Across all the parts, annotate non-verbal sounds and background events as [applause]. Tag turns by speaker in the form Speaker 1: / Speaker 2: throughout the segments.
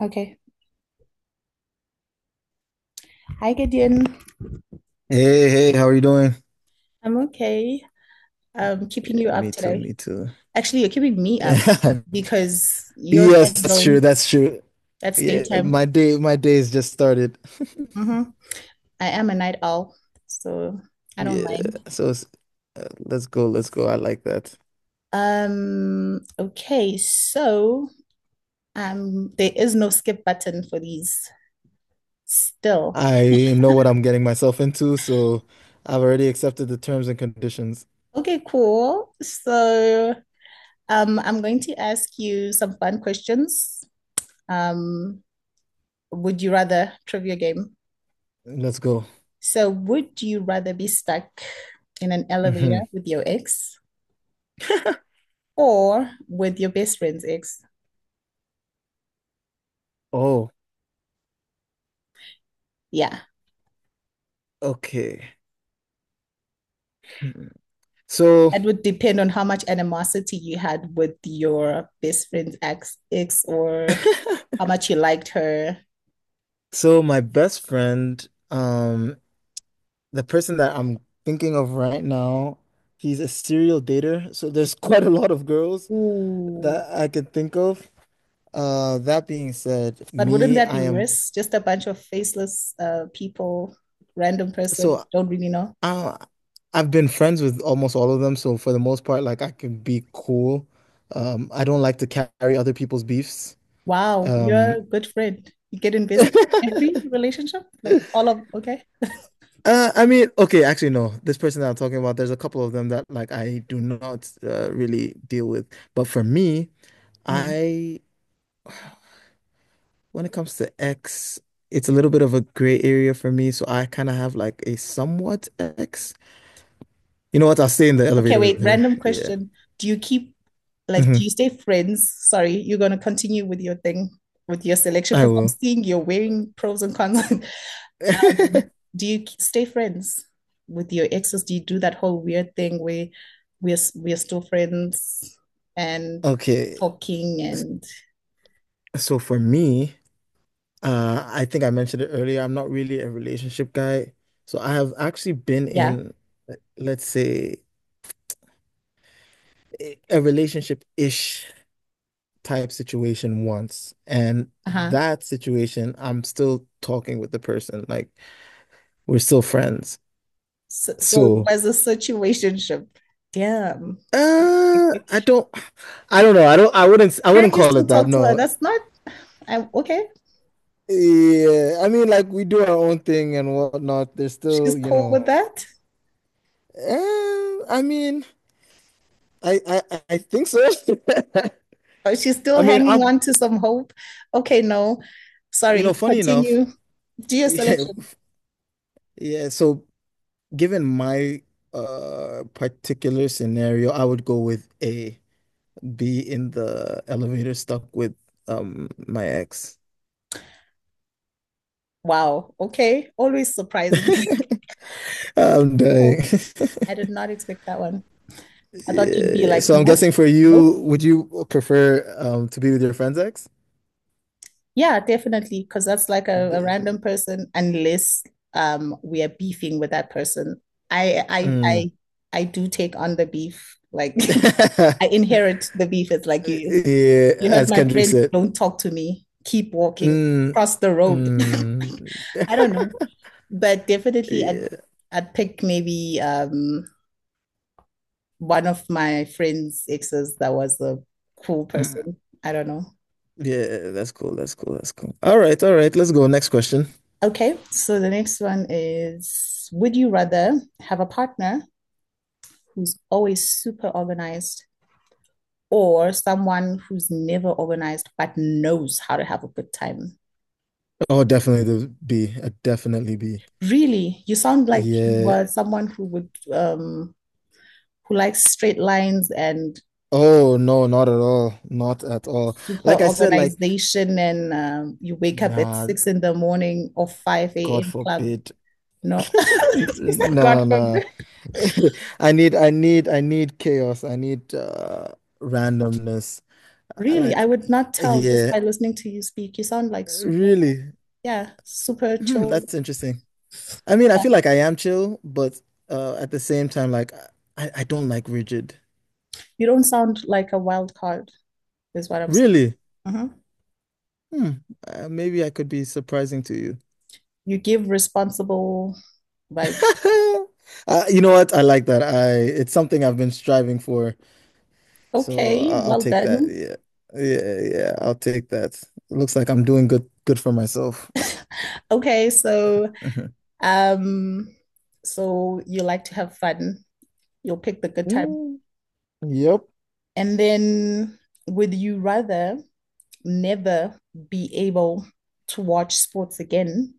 Speaker 1: Okay. Hi, Gideon.
Speaker 2: Hey, hey, how are you doing?
Speaker 1: I'm okay. I'm keeping you
Speaker 2: Yeah,
Speaker 1: up
Speaker 2: me too,
Speaker 1: today.
Speaker 2: me too. [laughs]
Speaker 1: Actually, you're keeping me up
Speaker 2: Yeah.
Speaker 1: because your
Speaker 2: Yes,
Speaker 1: time
Speaker 2: that's true,
Speaker 1: zone,
Speaker 2: that's true.
Speaker 1: that's
Speaker 2: Yeah,
Speaker 1: daytime.
Speaker 2: my day's just started. [laughs]
Speaker 1: hmm I am a night owl, so I don't
Speaker 2: Yeah,
Speaker 1: mind.
Speaker 2: so it's- let's go, let's go. I like that.
Speaker 1: Okay, so there is no skip button for these still.
Speaker 2: I know what I'm getting myself into, so I've already accepted the terms and conditions.
Speaker 1: Okay, cool. So I'm going to ask you some fun questions. Um, would you rather trivia game?
Speaker 2: Let's go.
Speaker 1: So, would you rather be stuck in an
Speaker 2: hmm
Speaker 1: elevator with your ex
Speaker 2: [laughs]
Speaker 1: or with your best friend's ex?
Speaker 2: Oh,
Speaker 1: Yeah,
Speaker 2: okay. Hmm. So,
Speaker 1: that would depend on how much animosity you had with your best friend's ex or
Speaker 2: [laughs]
Speaker 1: how much you liked her.
Speaker 2: so my best friend, um, the person that I'm thinking of right now, he's a serial dater. So there's [laughs] quite a lot of girls
Speaker 1: Ooh.
Speaker 2: that I could think of. That being said,
Speaker 1: But wouldn't
Speaker 2: me,
Speaker 1: that be
Speaker 2: I am
Speaker 1: worse? Just a bunch of faceless people, random person,
Speaker 2: so
Speaker 1: don't really know.
Speaker 2: I, I've been friends with almost all of them. So for the most part, like I can be cool. I don't like to carry other people's beefs.
Speaker 1: Wow, you're a
Speaker 2: Um,
Speaker 1: good friend. You get invested in
Speaker 2: [laughs]
Speaker 1: every relationship, like all of, okay.
Speaker 2: I mean, okay, actually, no. This person that I'm talking about, there's a couple of them that like I do not really deal with. But for me,
Speaker 1: Mm.
Speaker 2: I when it comes to X, it's a little bit of a gray area for me, so I kind of have like a somewhat X. You know what? I'll stay in the
Speaker 1: Okay,
Speaker 2: elevator
Speaker 1: wait,
Speaker 2: with her.
Speaker 1: random
Speaker 2: Yeah.
Speaker 1: question. Do you keep like
Speaker 2: hmm
Speaker 1: do you stay friends? Sorry, you're gonna continue with your thing with your selection
Speaker 2: I
Speaker 1: because I'm
Speaker 2: will.
Speaker 1: seeing you're wearing pros and cons. [laughs] Um,
Speaker 2: [laughs]
Speaker 1: do you stay friends with your exes? Do you do that whole weird thing where we're still friends and
Speaker 2: Okay.
Speaker 1: talking
Speaker 2: s-
Speaker 1: and
Speaker 2: So for me, I think I mentioned it earlier. I'm not really a relationship guy. So I have actually been
Speaker 1: yeah,
Speaker 2: in, let's say, a relationship-ish type situation once. And
Speaker 1: uh-huh.
Speaker 2: that situation, I'm still talking with the person. Like we're still friends.
Speaker 1: So it
Speaker 2: So,
Speaker 1: was a situationship. Damn.
Speaker 2: uh, I don't, I don't know. I don't. I wouldn't
Speaker 1: And you
Speaker 2: call
Speaker 1: still
Speaker 2: it that.
Speaker 1: talk to her.
Speaker 2: No.
Speaker 1: That's not I'm okay.
Speaker 2: Yeah. I mean, like we do our own thing and whatnot. There's
Speaker 1: She's
Speaker 2: still,
Speaker 1: cool with that.
Speaker 2: I mean, I think so.
Speaker 1: Oh, she's
Speaker 2: [laughs] I
Speaker 1: still
Speaker 2: mean,
Speaker 1: hanging
Speaker 2: I'm.
Speaker 1: on to some hope. Okay, no,
Speaker 2: You know,
Speaker 1: sorry,
Speaker 2: funny enough. [laughs]
Speaker 1: continue. Do your
Speaker 2: Yeah.
Speaker 1: selection.
Speaker 2: Yeah. So, given my particular scenario, I would go with A. Be in the elevator stuck with my ex.
Speaker 1: Wow. Okay. Always surprising. [laughs] Okay,
Speaker 2: [laughs] I'm dying.
Speaker 1: cool.
Speaker 2: [laughs]
Speaker 1: I did not expect that one. I thought you'd be
Speaker 2: Yeah,
Speaker 1: like,
Speaker 2: so I'm
Speaker 1: nope,
Speaker 2: guessing for
Speaker 1: nope.
Speaker 2: you, would you prefer to be with your friend's ex?
Speaker 1: Yeah, definitely. Because that's like a
Speaker 2: Definitely.
Speaker 1: random person, unless we are beefing with that person. I I
Speaker 2: Mm.
Speaker 1: I I do take on the beef. Like [laughs] I
Speaker 2: [laughs]
Speaker 1: inherit the beef. It's like you
Speaker 2: Yeah,
Speaker 1: You heard
Speaker 2: as
Speaker 1: my
Speaker 2: Kendrick
Speaker 1: friend,
Speaker 2: said.
Speaker 1: don't talk to me. Keep walking.
Speaker 2: Mm.
Speaker 1: Cross the road.
Speaker 2: Mm.
Speaker 1: [laughs] I don't
Speaker 2: [laughs]
Speaker 1: know. But definitely I'd
Speaker 2: Yeah.
Speaker 1: I'd pick maybe one of my friend's exes that was a cool
Speaker 2: Mm.
Speaker 1: person. I don't know.
Speaker 2: Yeah, that's cool. That's cool. That's cool. All right, all right. Let's go. Next question.
Speaker 1: Okay, so the next one is would you rather have a partner who's always super organized or someone who's never organized but knows how to have a good time?
Speaker 2: Oh, definitely the B. Definitely B.
Speaker 1: Really, you sound like you
Speaker 2: Yeah.
Speaker 1: were someone who would who likes straight lines and
Speaker 2: Oh, no, not at all. Not at all.
Speaker 1: super
Speaker 2: Like I said, like,
Speaker 1: organization and you wake up at
Speaker 2: nah,
Speaker 1: 6 in the morning or 5
Speaker 2: God
Speaker 1: a.m. club.
Speaker 2: forbid.
Speaker 1: No,
Speaker 2: [laughs]
Speaker 1: [laughs]
Speaker 2: Nah,
Speaker 1: God
Speaker 2: nah.
Speaker 1: forbid.
Speaker 2: [laughs] I need chaos. I need randomness. I
Speaker 1: Really, I
Speaker 2: Like,
Speaker 1: would not tell just
Speaker 2: yeah,
Speaker 1: by listening to you speak. You sound like super,
Speaker 2: really.
Speaker 1: yeah, super
Speaker 2: Hmm,
Speaker 1: chill.
Speaker 2: that's interesting. I mean, I
Speaker 1: Yeah,
Speaker 2: feel like I am chill, but at the same time, like, I don't like rigid.
Speaker 1: you don't sound like a wild card, is what I'm saying.
Speaker 2: Really?
Speaker 1: Uh-huh.
Speaker 2: Hmm. Maybe I could be surprising to you.
Speaker 1: You give responsible vibes.
Speaker 2: [laughs] You know what? I like that. I It's something I've been striving for, so
Speaker 1: Okay,
Speaker 2: I'll
Speaker 1: well
Speaker 2: take that.
Speaker 1: done.
Speaker 2: Yeah, yeah, yeah. I'll take that. Looks like I'm doing good, good for myself.
Speaker 1: Okay, so
Speaker 2: [laughs]
Speaker 1: um, so you like to have fun. You'll pick the good time.
Speaker 2: Mm, yep.
Speaker 1: And then, would you rather never be able to watch sports again,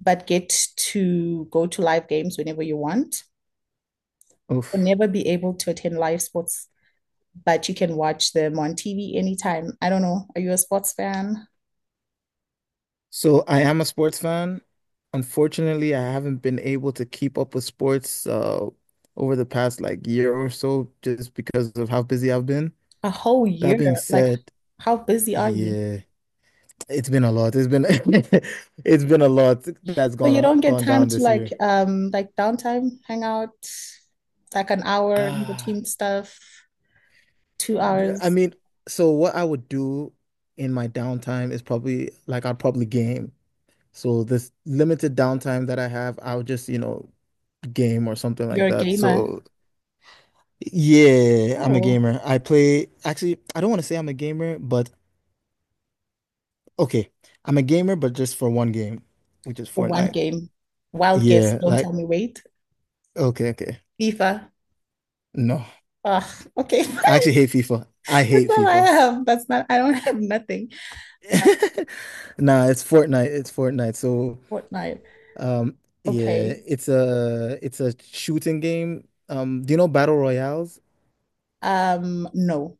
Speaker 1: but get to go to live games whenever you want, or
Speaker 2: Oof.
Speaker 1: never be able to attend live sports, but you can watch them on TV anytime? I don't know. Are you a sports fan?
Speaker 2: So I am a sports fan. Unfortunately, I haven't been able to keep up with sports over the past like year or so just because of how busy I've been.
Speaker 1: A whole year?
Speaker 2: That being
Speaker 1: Like,
Speaker 2: said,
Speaker 1: how busy are you?
Speaker 2: yeah, it's been a lot. It's been [laughs] it's been a lot that's
Speaker 1: So you don't get
Speaker 2: gone
Speaker 1: time
Speaker 2: down
Speaker 1: to
Speaker 2: this year.
Speaker 1: like downtime, hang out, like an hour in
Speaker 2: Ah,
Speaker 1: between stuff, two
Speaker 2: I
Speaker 1: hours.
Speaker 2: mean, so what I would do in my downtime is probably like I'd probably game. So this limited downtime that I have, I would just, you know, game or something like
Speaker 1: You're a
Speaker 2: that.
Speaker 1: gamer.
Speaker 2: So yeah, I'm a
Speaker 1: Oh,
Speaker 2: gamer. I play, actually, I don't want to say I'm a gamer, but okay. I'm a gamer, but just for one game, which is
Speaker 1: one
Speaker 2: Fortnite.
Speaker 1: game. Wild guess,
Speaker 2: Yeah,
Speaker 1: don't tell
Speaker 2: like,
Speaker 1: me wait.
Speaker 2: okay, okay.
Speaker 1: FIFA.
Speaker 2: No,
Speaker 1: Ugh, okay.
Speaker 2: I
Speaker 1: [laughs]
Speaker 2: actually hate FIFA. I
Speaker 1: That's
Speaker 2: hate
Speaker 1: all I
Speaker 2: FIFA.
Speaker 1: have. That's not I don't have nothing. Uh,
Speaker 2: [laughs] Nah, it's Fortnite. It's Fortnite. So,
Speaker 1: Fortnite.
Speaker 2: um, yeah,
Speaker 1: Okay.
Speaker 2: it's a shooting game. Do you know Battle Royales?
Speaker 1: No.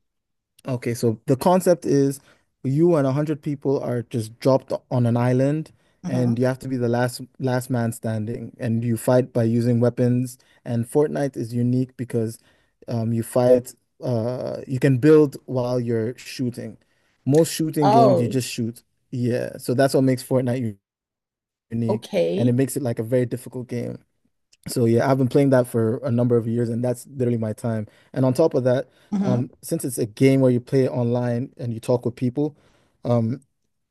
Speaker 2: Okay, so the concept is you and a hundred people are just dropped on an island, and
Speaker 1: hmm
Speaker 2: you have to be the last man standing, and you fight by using weapons. And Fortnite is unique because you fight. You can build while you're shooting. Most shooting games, you
Speaker 1: Oh,
Speaker 2: just shoot. Yeah, so that's what makes unique, and it
Speaker 1: okay.
Speaker 2: makes it like a very difficult game. So yeah, I've been playing that for a number of years, and that's literally my time. And on top of that,
Speaker 1: hmm
Speaker 2: since it's a game where you play it online and you talk with people, um,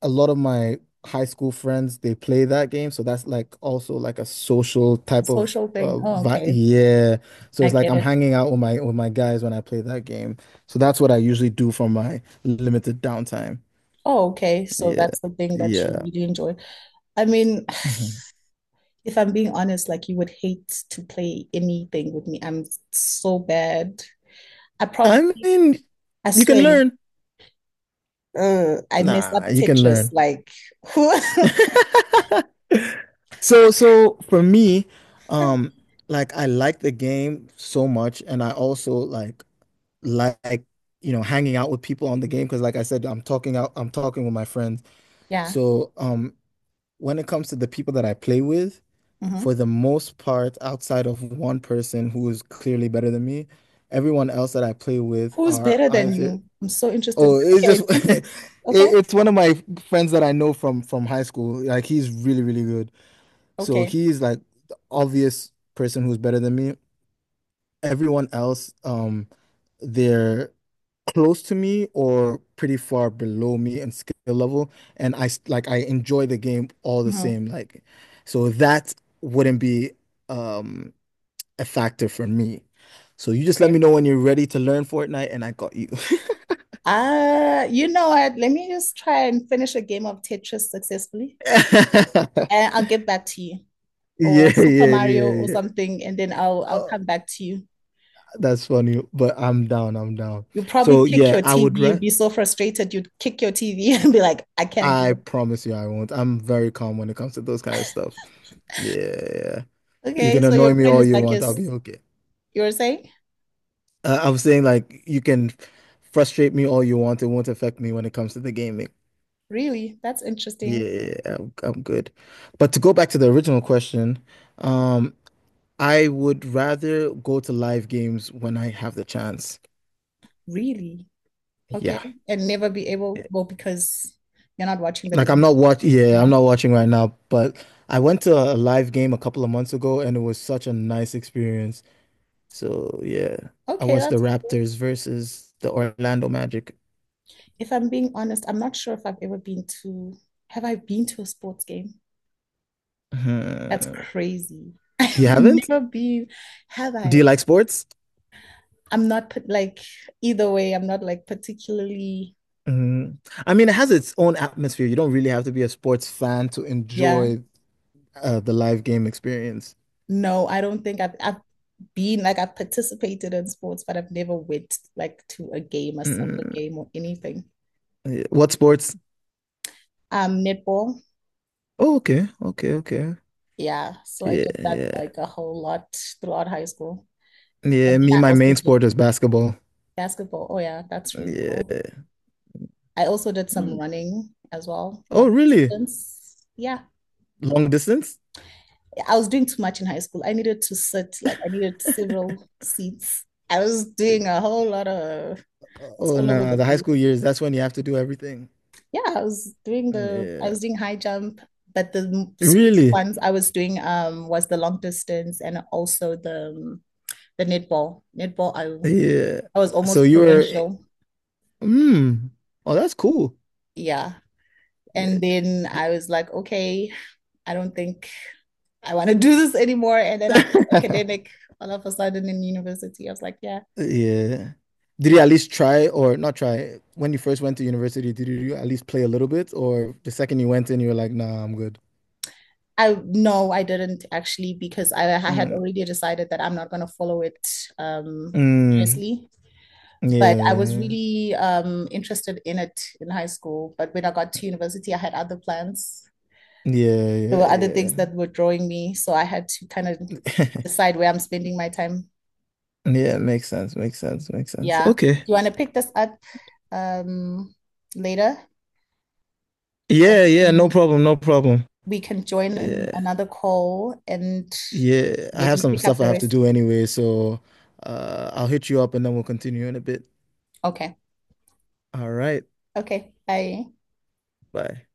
Speaker 2: a lot of my high school friends they play that game, so that's like also like a social type of
Speaker 1: Social thing. Oh,
Speaker 2: vi
Speaker 1: okay.
Speaker 2: yeah. So
Speaker 1: I
Speaker 2: it's like
Speaker 1: get
Speaker 2: I'm
Speaker 1: it.
Speaker 2: hanging out with my guys when I play that game. So that's what I usually do for my limited downtime.
Speaker 1: Oh, okay. So
Speaker 2: Yeah,
Speaker 1: that's the thing that you
Speaker 2: yeah.
Speaker 1: really enjoy. I mean,
Speaker 2: Mhm.
Speaker 1: if I'm being honest, like you would hate to play anything with me. I'm so bad. I
Speaker 2: I
Speaker 1: probably,
Speaker 2: mean,
Speaker 1: I
Speaker 2: you can
Speaker 1: swear,
Speaker 2: learn.
Speaker 1: I mess up
Speaker 2: Nah, you can
Speaker 1: Tetris.
Speaker 2: learn.
Speaker 1: Like who? [laughs]
Speaker 2: [laughs] So, for me, um, like I like the game so much, and I also like you know hanging out with people on the game because, like I said, I'm talking with my friends.
Speaker 1: Yeah.
Speaker 2: So, when it comes to the people that I play with, for
Speaker 1: hmm
Speaker 2: the most part, outside of one person who is clearly better than me, everyone else that I play with
Speaker 1: Who's
Speaker 2: are
Speaker 1: better than
Speaker 2: either
Speaker 1: you? I'm so interested.
Speaker 2: oh, it's just
Speaker 1: Okay,
Speaker 2: [laughs]
Speaker 1: wait.
Speaker 2: it,
Speaker 1: Okay.
Speaker 2: it's one of my friends that I know from high school. Like he's really good. So
Speaker 1: Okay.
Speaker 2: he's like the obvious person who's better than me. Everyone else, they're close to me or pretty far below me in skill level. And like I enjoy the game all the
Speaker 1: hmm
Speaker 2: same. Like, so that wouldn't be um a factor for me. So you just let
Speaker 1: Okay.
Speaker 2: me know when you're ready to learn Fortnite and I got you.
Speaker 1: You know what? Let me just try and finish a game of Tetris successfully,
Speaker 2: [laughs]
Speaker 1: and I'll get back to you, or
Speaker 2: Yeah,
Speaker 1: Super
Speaker 2: yeah,
Speaker 1: Mario
Speaker 2: yeah,
Speaker 1: or
Speaker 2: yeah.
Speaker 1: something, and then I'll
Speaker 2: Oh,
Speaker 1: come back to you.
Speaker 2: that's funny, but I'm down, I'm down.
Speaker 1: You'd probably
Speaker 2: So
Speaker 1: kick
Speaker 2: yeah,
Speaker 1: your
Speaker 2: I
Speaker 1: TV.
Speaker 2: would re
Speaker 1: You'd be so frustrated. You'd kick your TV [laughs] and be like, I can't do
Speaker 2: I
Speaker 1: it.
Speaker 2: promise you I won't. I'm very calm when it comes to those kind of stuff. Yeah, yeah. You
Speaker 1: Okay,
Speaker 2: can
Speaker 1: so
Speaker 2: annoy
Speaker 1: your
Speaker 2: me
Speaker 1: friend
Speaker 2: all
Speaker 1: is
Speaker 2: you
Speaker 1: like,
Speaker 2: want, I'll
Speaker 1: yes,
Speaker 2: be okay.
Speaker 1: you were saying?
Speaker 2: I'm saying like you can frustrate me all you want, it won't affect me when it comes to the gaming.
Speaker 1: Really? That's interesting.
Speaker 2: Yeah, I'm good. But to go back to the original question, um, I would rather go to live games when I have the chance.
Speaker 1: Really? Okay.
Speaker 2: Yeah.
Speaker 1: And never be able,
Speaker 2: Yeah.
Speaker 1: well, because you're not watching
Speaker 2: Like I'm
Speaker 1: them.
Speaker 2: not watch Yeah, I'm
Speaker 1: Yeah.
Speaker 2: not watching right now, but I went to a live game a couple of months ago and it was such a nice experience. So yeah, I
Speaker 1: Okay,
Speaker 2: watched the
Speaker 1: that's cool.
Speaker 2: Raptors versus the Orlando Magic.
Speaker 1: If I'm being honest, I'm not sure if I've ever been to, have I been to a sports game? That's
Speaker 2: Uh,
Speaker 1: crazy. [laughs]
Speaker 2: you
Speaker 1: I've
Speaker 2: haven't?
Speaker 1: never been, have
Speaker 2: Do
Speaker 1: I?
Speaker 2: you like sports?
Speaker 1: I'm not put like either way, I'm not like particularly,
Speaker 2: Mm. I mean, it has its own atmosphere. You don't really have to be a sports fan to
Speaker 1: yeah.
Speaker 2: enjoy the live game experience.
Speaker 1: No, I don't think I've been like I've participated in sports, but I've never went like to a game, a soccer
Speaker 2: Mm.
Speaker 1: game or anything.
Speaker 2: Yeah. What sports?
Speaker 1: Netball,
Speaker 2: Oh, okay, okay, okay.
Speaker 1: yeah. So I
Speaker 2: Yeah,
Speaker 1: did that
Speaker 2: yeah,
Speaker 1: like a whole lot throughout high school. And
Speaker 2: yeah. Me,
Speaker 1: then I
Speaker 2: my
Speaker 1: also
Speaker 2: main
Speaker 1: did
Speaker 2: sport is basketball.
Speaker 1: basketball. Oh yeah, that's really cool.
Speaker 2: Yeah.
Speaker 1: I also did some
Speaker 2: Mm.
Speaker 1: running as well,
Speaker 2: Oh,
Speaker 1: long
Speaker 2: really?
Speaker 1: distance. Yeah.
Speaker 2: Long distance?
Speaker 1: I was doing too much in high school. I needed to sit, like I needed several seats. I was doing a whole lot of it's
Speaker 2: Oh,
Speaker 1: all over
Speaker 2: nah.
Speaker 1: the
Speaker 2: The high school
Speaker 1: place.
Speaker 2: years, that's when you have to do everything.
Speaker 1: Yeah, I was doing
Speaker 2: Yeah.
Speaker 1: high jump, but the serious
Speaker 2: Really?
Speaker 1: ones I was doing was the long distance and also the netball. Netball,
Speaker 2: Yeah.
Speaker 1: I was
Speaker 2: So
Speaker 1: almost
Speaker 2: you were,
Speaker 1: provincial.
Speaker 2: mm, oh, that's cool.
Speaker 1: Yeah.
Speaker 2: Yeah.
Speaker 1: And then I was like, okay, I don't think I want to do this anymore. And then I was
Speaker 2: [laughs]
Speaker 1: academic all of a sudden in university. I was like, yeah.
Speaker 2: Yeah. Did you at least try or not try? When you first went to university, did you at least play a little bit? Or the second you went in, you were like, nah, I'm good.
Speaker 1: I no, I didn't actually because I had
Speaker 2: Mm,
Speaker 1: already decided that I'm not going to follow it um
Speaker 2: mm,
Speaker 1: seriously. But I was
Speaker 2: yeah,
Speaker 1: really interested in it in high school. But when I got to university, I had other plans.
Speaker 2: yeah,
Speaker 1: There
Speaker 2: yeah,
Speaker 1: were other things
Speaker 2: yeah,
Speaker 1: that were drawing me. So I had to kind of
Speaker 2: yeah. [laughs]
Speaker 1: decide where I'm spending my time.
Speaker 2: Yeah, makes sense, makes sense, makes sense.
Speaker 1: Yeah. Do
Speaker 2: Okay.
Speaker 1: you want to pick this up um, later?
Speaker 2: Yeah, yeah, no
Speaker 1: Um,
Speaker 2: problem, no problem.
Speaker 1: We can join in
Speaker 2: Yeah,
Speaker 1: another call and
Speaker 2: yeah. I have
Speaker 1: maybe
Speaker 2: some
Speaker 1: pick up
Speaker 2: stuff I
Speaker 1: the
Speaker 2: have to
Speaker 1: rest.
Speaker 2: do anyway, so I'll hit you up and then we'll continue in a bit.
Speaker 1: Okay.
Speaker 2: All right.
Speaker 1: Okay. Bye.
Speaker 2: Bye.